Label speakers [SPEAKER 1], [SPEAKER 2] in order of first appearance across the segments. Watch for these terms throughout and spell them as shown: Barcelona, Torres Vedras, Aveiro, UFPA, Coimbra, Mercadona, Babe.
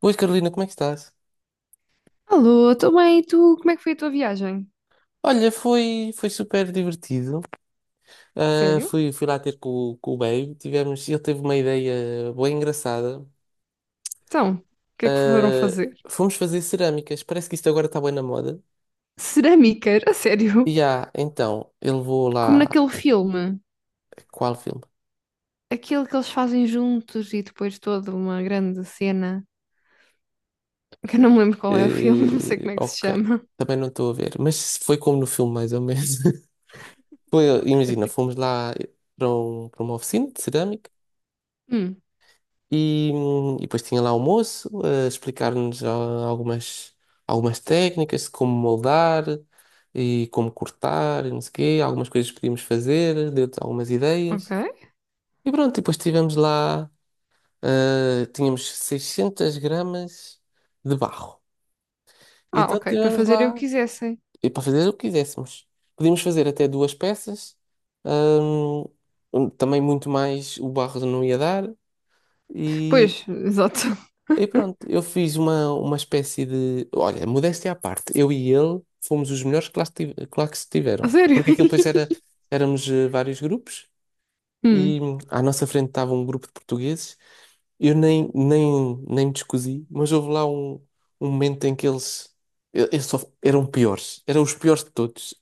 [SPEAKER 1] Oi Carolina, como é que estás?
[SPEAKER 2] Alô, tô bem, e tu, como é que foi a tua viagem?
[SPEAKER 1] Olha, foi super divertido. Ah,
[SPEAKER 2] Sério?
[SPEAKER 1] fui, fui lá ter com o Babe. Ele teve uma ideia bem engraçada.
[SPEAKER 2] Então, o que é que foram
[SPEAKER 1] Ah,
[SPEAKER 2] fazer?
[SPEAKER 1] Fomos fazer cerâmicas. Parece que isto agora está bem na moda.
[SPEAKER 2] Cerâmica, a sério?
[SPEAKER 1] E então, ele levou
[SPEAKER 2] Como
[SPEAKER 1] lá.
[SPEAKER 2] naquele filme,
[SPEAKER 1] Qual filme?
[SPEAKER 2] aquele que eles fazem juntos e depois toda uma grande cena, que eu não me lembro qual é o filme, não sei como é que se
[SPEAKER 1] Ok,
[SPEAKER 2] chama.
[SPEAKER 1] também não estou a ver. Mas foi como no filme, mais ou menos. Foi, imagina, fomos lá para uma oficina de cerâmica.
[SPEAKER 2] Hum,
[SPEAKER 1] E depois tinha lá o moço a explicar-nos algumas técnicas, de como moldar e como cortar, e não sei o quê, algumas coisas que podíamos fazer, deu algumas ideias.
[SPEAKER 2] ok.
[SPEAKER 1] E pronto, e depois tínhamos 600 gramas de barro.
[SPEAKER 2] Ah,
[SPEAKER 1] Então
[SPEAKER 2] ok, para
[SPEAKER 1] tivemos
[SPEAKER 2] fazer eu
[SPEAKER 1] lá,
[SPEAKER 2] quisessem.
[SPEAKER 1] e para fazer o que quiséssemos. Podíamos fazer até duas peças, também muito mais o barro não ia dar. e
[SPEAKER 2] Pois, exato.
[SPEAKER 1] E pronto, eu fiz uma espécie de. Olha, modéstia à parte, eu e ele fomos os melhores que lá, que lá que se
[SPEAKER 2] A
[SPEAKER 1] tiveram.
[SPEAKER 2] sério?
[SPEAKER 1] Porque aquilo depois era, éramos vários grupos
[SPEAKER 2] Hum.
[SPEAKER 1] e à nossa frente estava um grupo de portugueses. Eu nem, nem, nem me descosi, mas houve lá um momento em que eles, eles só eram piores, eram os piores de todos.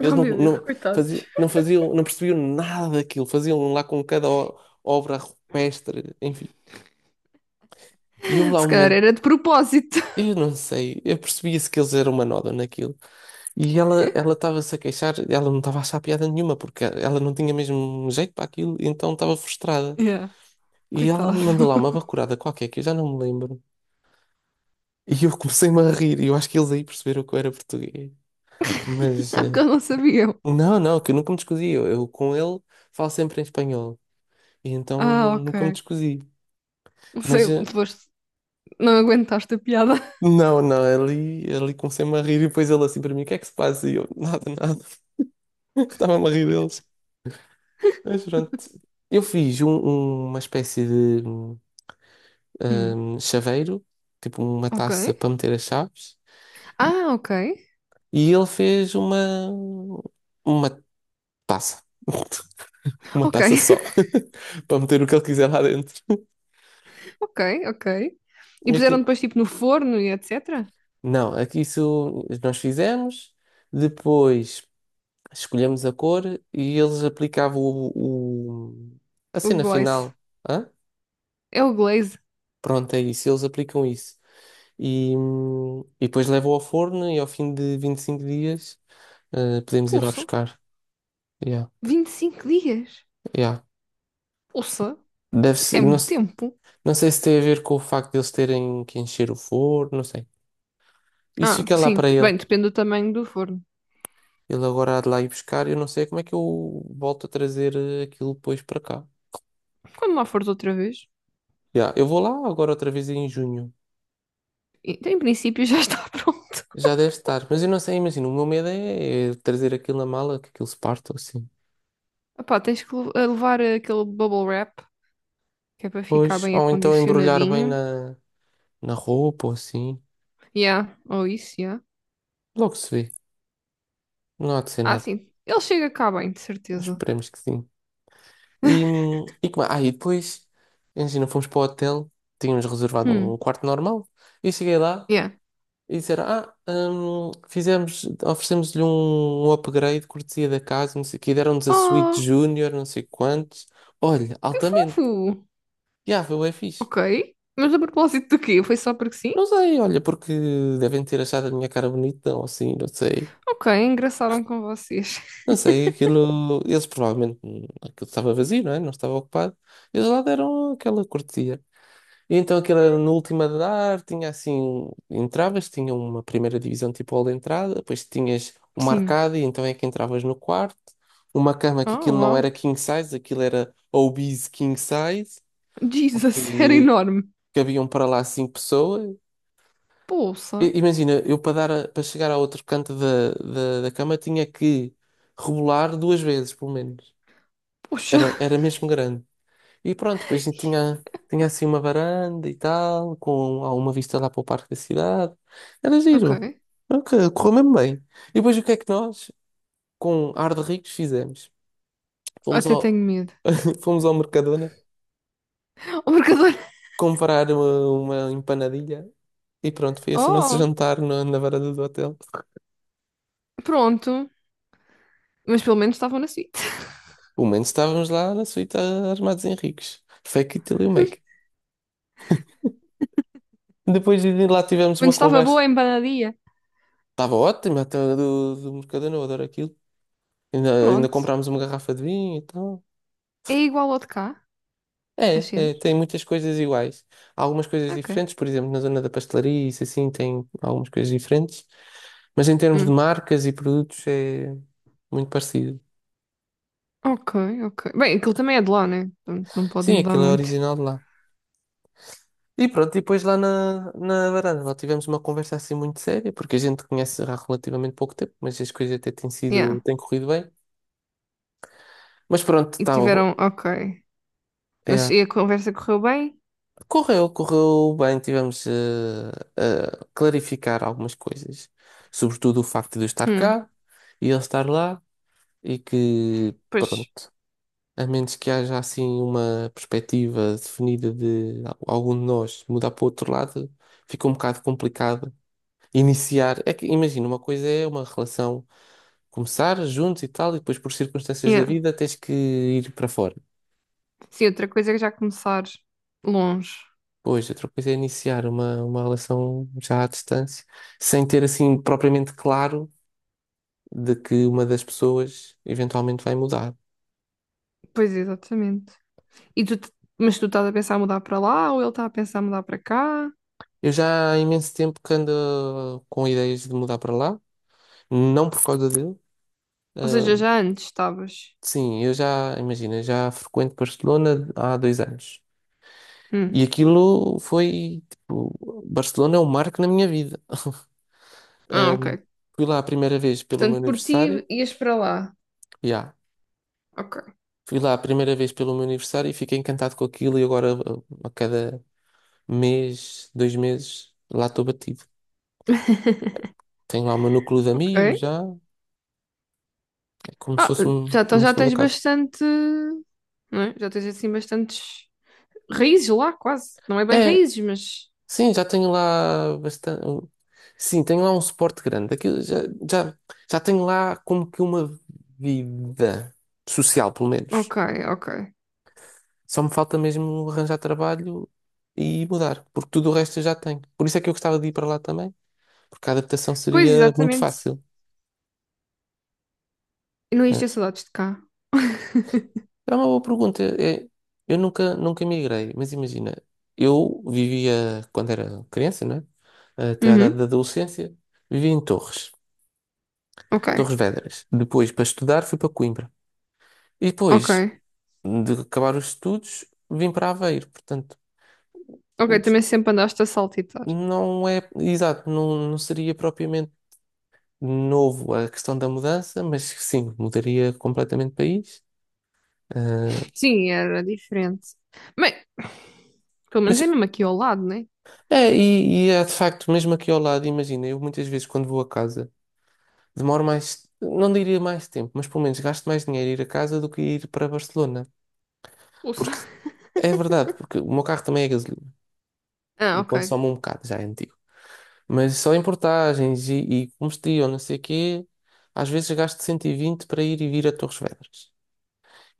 [SPEAKER 1] Eles
[SPEAKER 2] Oh
[SPEAKER 1] não,
[SPEAKER 2] meu Deus,
[SPEAKER 1] não, faziam,
[SPEAKER 2] coitados.
[SPEAKER 1] não faziam, não percebiam nada daquilo, faziam lá com cada obra rupestre, enfim. E houve lá
[SPEAKER 2] Se
[SPEAKER 1] um
[SPEAKER 2] calhar
[SPEAKER 1] momento.
[SPEAKER 2] era de propósito.
[SPEAKER 1] Eu não sei, eu percebia-se que eles eram uma nódoa naquilo. E ela estava-se a queixar, ela não estava a achar piada nenhuma, porque ela não tinha mesmo jeito para aquilo, então estava frustrada.
[SPEAKER 2] Yeah,
[SPEAKER 1] E ela
[SPEAKER 2] coitado.
[SPEAKER 1] mandou lá uma bacurada qualquer, que eu já não me lembro. E eu comecei-me a rir, e eu acho que eles aí perceberam que eu era português. Mas,
[SPEAKER 2] Ah, porque eu não sabia.
[SPEAKER 1] não, não, que eu nunca me descosi. Eu com ele falo sempre em espanhol, e então
[SPEAKER 2] Ah,
[SPEAKER 1] nunca me
[SPEAKER 2] ok.
[SPEAKER 1] descosi.
[SPEAKER 2] Não sei,
[SPEAKER 1] Mas,
[SPEAKER 2] não aguentaste a piada.
[SPEAKER 1] não, não, ali comecei-me a rir, e depois ele assim para mim: o que é que se passa? E eu: nada, nada. Estava-me a rir deles. Mas pronto. Eu fiz uma espécie de
[SPEAKER 2] Hum.
[SPEAKER 1] chaveiro, tipo uma
[SPEAKER 2] Ok.
[SPEAKER 1] taça para meter as chaves,
[SPEAKER 2] Ah, ok.
[SPEAKER 1] e ele fez uma taça. Uma
[SPEAKER 2] Ok,
[SPEAKER 1] taça só, para meter o que ele quiser lá dentro.
[SPEAKER 2] ok. E
[SPEAKER 1] E
[SPEAKER 2] puseram
[SPEAKER 1] Aquilo.
[SPEAKER 2] depois tipo no forno e etc.
[SPEAKER 1] Não, aqui isso nós fizemos, depois escolhemos a cor e eles aplicavam a
[SPEAKER 2] O
[SPEAKER 1] cena
[SPEAKER 2] glaze.
[SPEAKER 1] final. Hã?
[SPEAKER 2] É o glaze.
[SPEAKER 1] Pronto, é isso, eles aplicam isso. E depois levo ao forno e ao fim de 25 dias podemos ir lá
[SPEAKER 2] Pulsa.
[SPEAKER 1] buscar. Yeah,
[SPEAKER 2] 25 dias.
[SPEAKER 1] yeah.
[SPEAKER 2] Pulsa.
[SPEAKER 1] Deve
[SPEAKER 2] Isso
[SPEAKER 1] ser,
[SPEAKER 2] é
[SPEAKER 1] não,
[SPEAKER 2] muito tempo.
[SPEAKER 1] não sei se tem a ver com o facto de eles terem que encher o forno, não sei. Isso
[SPEAKER 2] Ah,
[SPEAKER 1] fica lá para
[SPEAKER 2] sim.
[SPEAKER 1] ele.
[SPEAKER 2] Bem, depende do tamanho do forno.
[SPEAKER 1] Ele agora há de lá ir buscar. Eu não sei como é que eu volto a trazer aquilo depois para cá.
[SPEAKER 2] Quando lá fores outra vez,
[SPEAKER 1] Yeah, eu vou lá agora outra vez em junho.
[SPEAKER 2] então, em princípio já está pronto.
[SPEAKER 1] Já deve estar, mas eu não sei, imagino. O meu medo é trazer aquilo na mala, que aquilo se parte ou assim.
[SPEAKER 2] Opá, tens que le- eh, levar aquele bubble wrap, que é para ficar
[SPEAKER 1] Pois,
[SPEAKER 2] bem
[SPEAKER 1] ou então embrulhar bem
[SPEAKER 2] acondicionadinho.
[SPEAKER 1] na roupa ou assim.
[SPEAKER 2] Yeah, ou isso, yeah.
[SPEAKER 1] Logo se vê. Não há de ser
[SPEAKER 2] Ah,
[SPEAKER 1] nada.
[SPEAKER 2] sim. Ele chega cá bem, de certeza.
[SPEAKER 1] Esperemos que sim. E depois, imagina, fomos para o hotel, tínhamos reservado um
[SPEAKER 2] Hum.
[SPEAKER 1] quarto normal, e cheguei lá
[SPEAKER 2] Yeah.
[SPEAKER 1] e disseram: oferecemos-lhe um upgrade, cortesia da casa, não sei o quê, deram-nos a suíte
[SPEAKER 2] Ah,
[SPEAKER 1] júnior, não sei quantos. Olha,
[SPEAKER 2] que
[SPEAKER 1] altamente.
[SPEAKER 2] fofo.
[SPEAKER 1] Já, foi o fixe.
[SPEAKER 2] Ok. Mas a propósito do quê? Foi só porque sim?
[SPEAKER 1] Não sei, olha, porque devem ter achado a minha cara bonita, ou assim, não sei.
[SPEAKER 2] Ok, engraçaram com vocês.
[SPEAKER 1] Não sei, aquilo. Eles provavelmente. Aquilo estava vazio, não é? Não estava ocupado. Eles lá deram aquela cortesia. E então aquilo era no último andar, tinha assim, entravas, tinha uma primeira divisão tipo hall de entrada, depois tinhas uma
[SPEAKER 2] Sim.
[SPEAKER 1] arcada e então é que entravas no quarto, uma cama que
[SPEAKER 2] Oh,
[SPEAKER 1] aquilo não era
[SPEAKER 2] uau.
[SPEAKER 1] king size, aquilo era obese king size,
[SPEAKER 2] Jesus, era
[SPEAKER 1] porque
[SPEAKER 2] enorme.
[SPEAKER 1] cabiam para lá cinco pessoas.
[SPEAKER 2] Poça.
[SPEAKER 1] Imagina, eu para para chegar ao outro canto da cama tinha que rebolar duas vezes, pelo menos.
[SPEAKER 2] Poxa.
[SPEAKER 1] Era mesmo grande. E pronto, depois a gente tinha assim uma varanda e tal, com alguma vista lá para o parque da cidade. Era giro.
[SPEAKER 2] Ok.
[SPEAKER 1] Ok, correu mesmo bem. E depois o que é que nós, com ar de ricos, fizemos? Fomos
[SPEAKER 2] Até tenho
[SPEAKER 1] ao,
[SPEAKER 2] medo.
[SPEAKER 1] Fomos ao Mercadona
[SPEAKER 2] O marcador.
[SPEAKER 1] comprar uma empanadilha e pronto, foi esse o nosso
[SPEAKER 2] Oh,
[SPEAKER 1] jantar na varanda do hotel.
[SPEAKER 2] pronto. Mas pelo menos estavam na suíte.
[SPEAKER 1] Pelo menos estávamos lá na suíte armados em ricos. Fake it till you
[SPEAKER 2] Pelo
[SPEAKER 1] make it. Depois de lá tivemos uma
[SPEAKER 2] menos estava
[SPEAKER 1] conversa.
[SPEAKER 2] boa a empanadinha.
[SPEAKER 1] Estava ótimo, até do Mercadona, eu adoro aquilo. Ainda
[SPEAKER 2] Pronto.
[SPEAKER 1] comprámos uma garrafa de vinho e tal.
[SPEAKER 2] É igual ao de cá, as
[SPEAKER 1] É,
[SPEAKER 2] cenas.
[SPEAKER 1] tem muitas coisas iguais. Há algumas coisas
[SPEAKER 2] Ok.
[SPEAKER 1] diferentes, por exemplo, na zona da pastelaria, isso assim, tem algumas coisas diferentes. Mas em termos de
[SPEAKER 2] Hum.
[SPEAKER 1] marcas e produtos é muito parecido.
[SPEAKER 2] Ok, ok. Bem, aquilo também é de lá, né? Portanto, não pode
[SPEAKER 1] Sim,
[SPEAKER 2] mudar
[SPEAKER 1] aquilo é
[SPEAKER 2] muito.
[SPEAKER 1] original de lá. E pronto, e depois lá na varanda, lá tivemos uma conversa assim muito séria, porque a gente conhece há relativamente pouco tempo, mas as coisas até
[SPEAKER 2] Yeah.
[SPEAKER 1] têm corrido bem. Mas pronto,
[SPEAKER 2] E
[SPEAKER 1] tá,
[SPEAKER 2] tiveram, ok. Mas
[SPEAKER 1] é.
[SPEAKER 2] e a conversa correu bem?
[SPEAKER 1] Correu, correu bem, tivemos a clarificar algumas coisas, sobretudo o facto de eu estar
[SPEAKER 2] Hum,
[SPEAKER 1] cá e ele estar lá, e que,
[SPEAKER 2] pois.
[SPEAKER 1] pronto, a menos que haja assim uma perspectiva definida de algum de nós mudar para o outro lado, fica um bocado complicado iniciar. É que, imagina, uma coisa é uma relação começar juntos e tal, e depois por circunstâncias da
[SPEAKER 2] Yeah.
[SPEAKER 1] vida tens que ir para fora.
[SPEAKER 2] Sim, outra coisa é já começar longe.
[SPEAKER 1] Pois, eu coisa é iniciar uma relação já à distância, sem ter assim propriamente claro de que uma das pessoas eventualmente vai mudar.
[SPEAKER 2] Pois, exatamente. E tu, mas tu estás a pensar em mudar para lá ou ele está a pensar em mudar para cá?
[SPEAKER 1] Eu já há imenso tempo que ando com ideias de mudar para lá, não por causa dele.
[SPEAKER 2] Ou
[SPEAKER 1] Ah,
[SPEAKER 2] seja, já antes estavas.
[SPEAKER 1] sim, eu já, imagina, já frequento Barcelona há 2 anos.
[SPEAKER 2] Hum.
[SPEAKER 1] E aquilo foi, tipo, Barcelona é um marco na minha vida.
[SPEAKER 2] Ah,
[SPEAKER 1] Ah,
[SPEAKER 2] ok.
[SPEAKER 1] Fui lá a primeira vez pelo meu
[SPEAKER 2] Portanto, por ti
[SPEAKER 1] aniversário,
[SPEAKER 2] ias para lá.
[SPEAKER 1] já.
[SPEAKER 2] Ok.
[SPEAKER 1] Fui lá a primeira vez pelo meu aniversário e fiquei encantado com aquilo e agora a cada mês, 2 meses, lá estou batido. Tenho lá o meu núcleo de
[SPEAKER 2] Ok.
[SPEAKER 1] amigos já, é como se
[SPEAKER 2] Ah,
[SPEAKER 1] fosse
[SPEAKER 2] já, então
[SPEAKER 1] uma
[SPEAKER 2] já
[SPEAKER 1] segunda
[SPEAKER 2] tens
[SPEAKER 1] casa.
[SPEAKER 2] bastante, não é? Já tens assim bastantes raízes lá, quase. Não é bem
[SPEAKER 1] É,
[SPEAKER 2] raízes, mas.
[SPEAKER 1] sim, já tenho lá bastante. Sim, tenho lá um suporte grande. Aquilo já, já tenho lá como que uma vida social, pelo menos.
[SPEAKER 2] Ok, ok.
[SPEAKER 1] Só me falta mesmo arranjar trabalho e mudar, porque tudo o resto eu já tenho. Por isso é que eu gostava de ir para lá também, porque a adaptação
[SPEAKER 2] Pois,
[SPEAKER 1] seria muito
[SPEAKER 2] exatamente.
[SPEAKER 1] fácil.
[SPEAKER 2] Eu não ia
[SPEAKER 1] É.
[SPEAKER 2] ter saudades de cá.
[SPEAKER 1] É uma boa pergunta. Eu nunca migrei, mas imagina, eu vivia, quando era criança, né? Até à idade
[SPEAKER 2] Uhum,
[SPEAKER 1] da adolescência, vivia em Torres,
[SPEAKER 2] ok,
[SPEAKER 1] Torres Vedras. Depois, para estudar, fui para Coimbra. E depois
[SPEAKER 2] ok.
[SPEAKER 1] de acabar os estudos, vim para Aveiro. Portanto,
[SPEAKER 2] Ok, também sempre andaste a saltitar.
[SPEAKER 1] não é, exato, não, não seria propriamente novo a questão da mudança, mas sim, mudaria completamente de país. Ah,
[SPEAKER 2] Sim, era diferente. Bem, pelo menos é
[SPEAKER 1] mas
[SPEAKER 2] mesmo aqui ao lado, né?
[SPEAKER 1] é, e é de facto, mesmo aqui ao lado, imagina, eu muitas vezes quando vou a casa. Demoro mais, não diria mais tempo, mas pelo menos gasto mais dinheiro a ir a casa do que ir para Barcelona.
[SPEAKER 2] Ouça.
[SPEAKER 1] Porque é verdade, porque o meu carro também é gasolina
[SPEAKER 2] Ah,
[SPEAKER 1] e
[SPEAKER 2] ok.
[SPEAKER 1] consome um bocado, já é antigo. Mas só em portagens e combustível, não sei o quê, às vezes gasto 120 para ir e vir a Torres Vedras.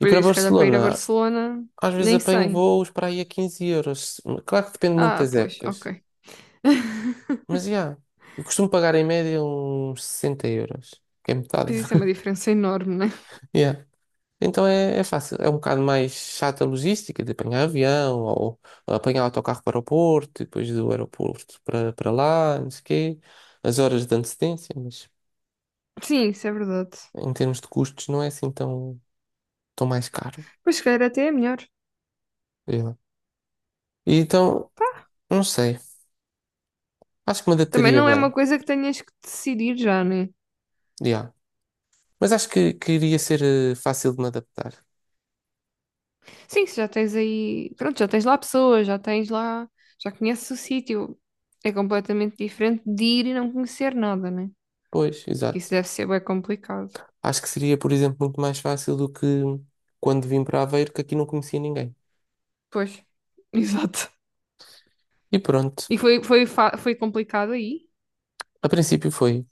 [SPEAKER 1] E para
[SPEAKER 2] isso, se calhar para ir a
[SPEAKER 1] Barcelona,
[SPEAKER 2] Barcelona,
[SPEAKER 1] às vezes
[SPEAKER 2] nem
[SPEAKER 1] apanho
[SPEAKER 2] sei.
[SPEAKER 1] voos para aí a 15 euros. Claro que depende muito
[SPEAKER 2] Ah,
[SPEAKER 1] das
[SPEAKER 2] pois,
[SPEAKER 1] épocas,
[SPEAKER 2] ok.
[SPEAKER 1] mas já. Eu costumo pagar em média uns 60 euros, que é metade.
[SPEAKER 2] Pois isso é uma diferença enorme, né?
[SPEAKER 1] Já. Então é fácil, é um bocado mais chata a logística de apanhar avião ou, apanhar autocarro para o Porto, e depois do aeroporto para lá, não sei o quê, as horas de antecedência, mas
[SPEAKER 2] Sim, isso é verdade.
[SPEAKER 1] em termos de custos não é assim tão mais caro.
[SPEAKER 2] Pois, se calhar até é melhor.
[SPEAKER 1] Yeah. E então, não sei, acho que me
[SPEAKER 2] Também
[SPEAKER 1] adaptaria
[SPEAKER 2] não é uma
[SPEAKER 1] bem,
[SPEAKER 2] coisa que tenhas que decidir já, né?
[SPEAKER 1] yeah. Mas acho que iria ser fácil de me adaptar.
[SPEAKER 2] Sim, se já tens aí. Pronto, já tens lá pessoas, já tens lá. Já conheces o sítio. É completamente diferente de ir e não conhecer nada, né?
[SPEAKER 1] Pois,
[SPEAKER 2] Que isso
[SPEAKER 1] exato.
[SPEAKER 2] deve ser bem complicado.
[SPEAKER 1] Acho que seria, por exemplo, muito mais fácil do que quando vim para Aveiro, que aqui não conhecia ninguém.
[SPEAKER 2] Pois, exato.
[SPEAKER 1] E pronto,
[SPEAKER 2] E foi, foi, foi complicado aí?
[SPEAKER 1] a princípio foi.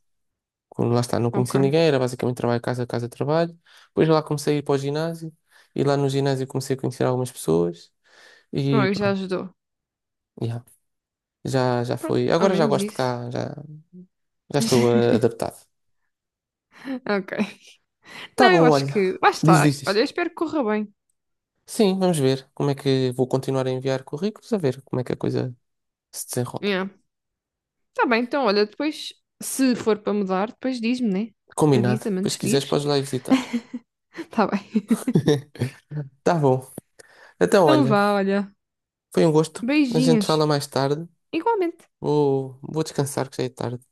[SPEAKER 1] Como lá está, não conheci
[SPEAKER 2] Ok.
[SPEAKER 1] ninguém, era basicamente trabalho, casa, casa, trabalho. Depois lá comecei a ir para o ginásio e lá no ginásio comecei a conhecer algumas pessoas e
[SPEAKER 2] Oh, já
[SPEAKER 1] pronto,
[SPEAKER 2] ajudou.
[SPEAKER 1] yeah, já
[SPEAKER 2] Pronto,
[SPEAKER 1] foi.
[SPEAKER 2] ao
[SPEAKER 1] Agora já
[SPEAKER 2] menos
[SPEAKER 1] gosto de
[SPEAKER 2] isso.
[SPEAKER 1] cá, já estou adaptado.
[SPEAKER 2] Ok.
[SPEAKER 1] Tá
[SPEAKER 2] Não, eu
[SPEAKER 1] bom,
[SPEAKER 2] acho
[SPEAKER 1] olha.
[SPEAKER 2] que. Lá
[SPEAKER 1] Diz,
[SPEAKER 2] está.
[SPEAKER 1] diz,
[SPEAKER 2] Olha,
[SPEAKER 1] diz.
[SPEAKER 2] eu espero que corra bem.
[SPEAKER 1] Sim, vamos ver como é que vou continuar a enviar currículos, a ver como é que a coisa se desenrola.
[SPEAKER 2] Yeah. Tá bem, então, olha, depois, se for para mudar, depois diz-me, né?
[SPEAKER 1] Combinado.
[SPEAKER 2] Avisa-me
[SPEAKER 1] Depois, se
[SPEAKER 2] antes de
[SPEAKER 1] quiseres,
[SPEAKER 2] ir.
[SPEAKER 1] podes lá ir visitar.
[SPEAKER 2] Tá bem.
[SPEAKER 1] Tá bom. Então,
[SPEAKER 2] Então
[SPEAKER 1] olha,
[SPEAKER 2] vá, olha.
[SPEAKER 1] foi um gosto. A gente fala
[SPEAKER 2] Beijinhos.
[SPEAKER 1] mais tarde.
[SPEAKER 2] Igualmente.
[SPEAKER 1] Vou descansar, que já é tarde.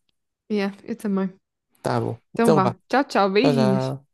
[SPEAKER 2] Yeah, eu também.
[SPEAKER 1] Tá bom.
[SPEAKER 2] Então
[SPEAKER 1] Então, vá.
[SPEAKER 2] vá. Tchau, tchau.
[SPEAKER 1] Tchau,
[SPEAKER 2] Beijinhos.
[SPEAKER 1] já.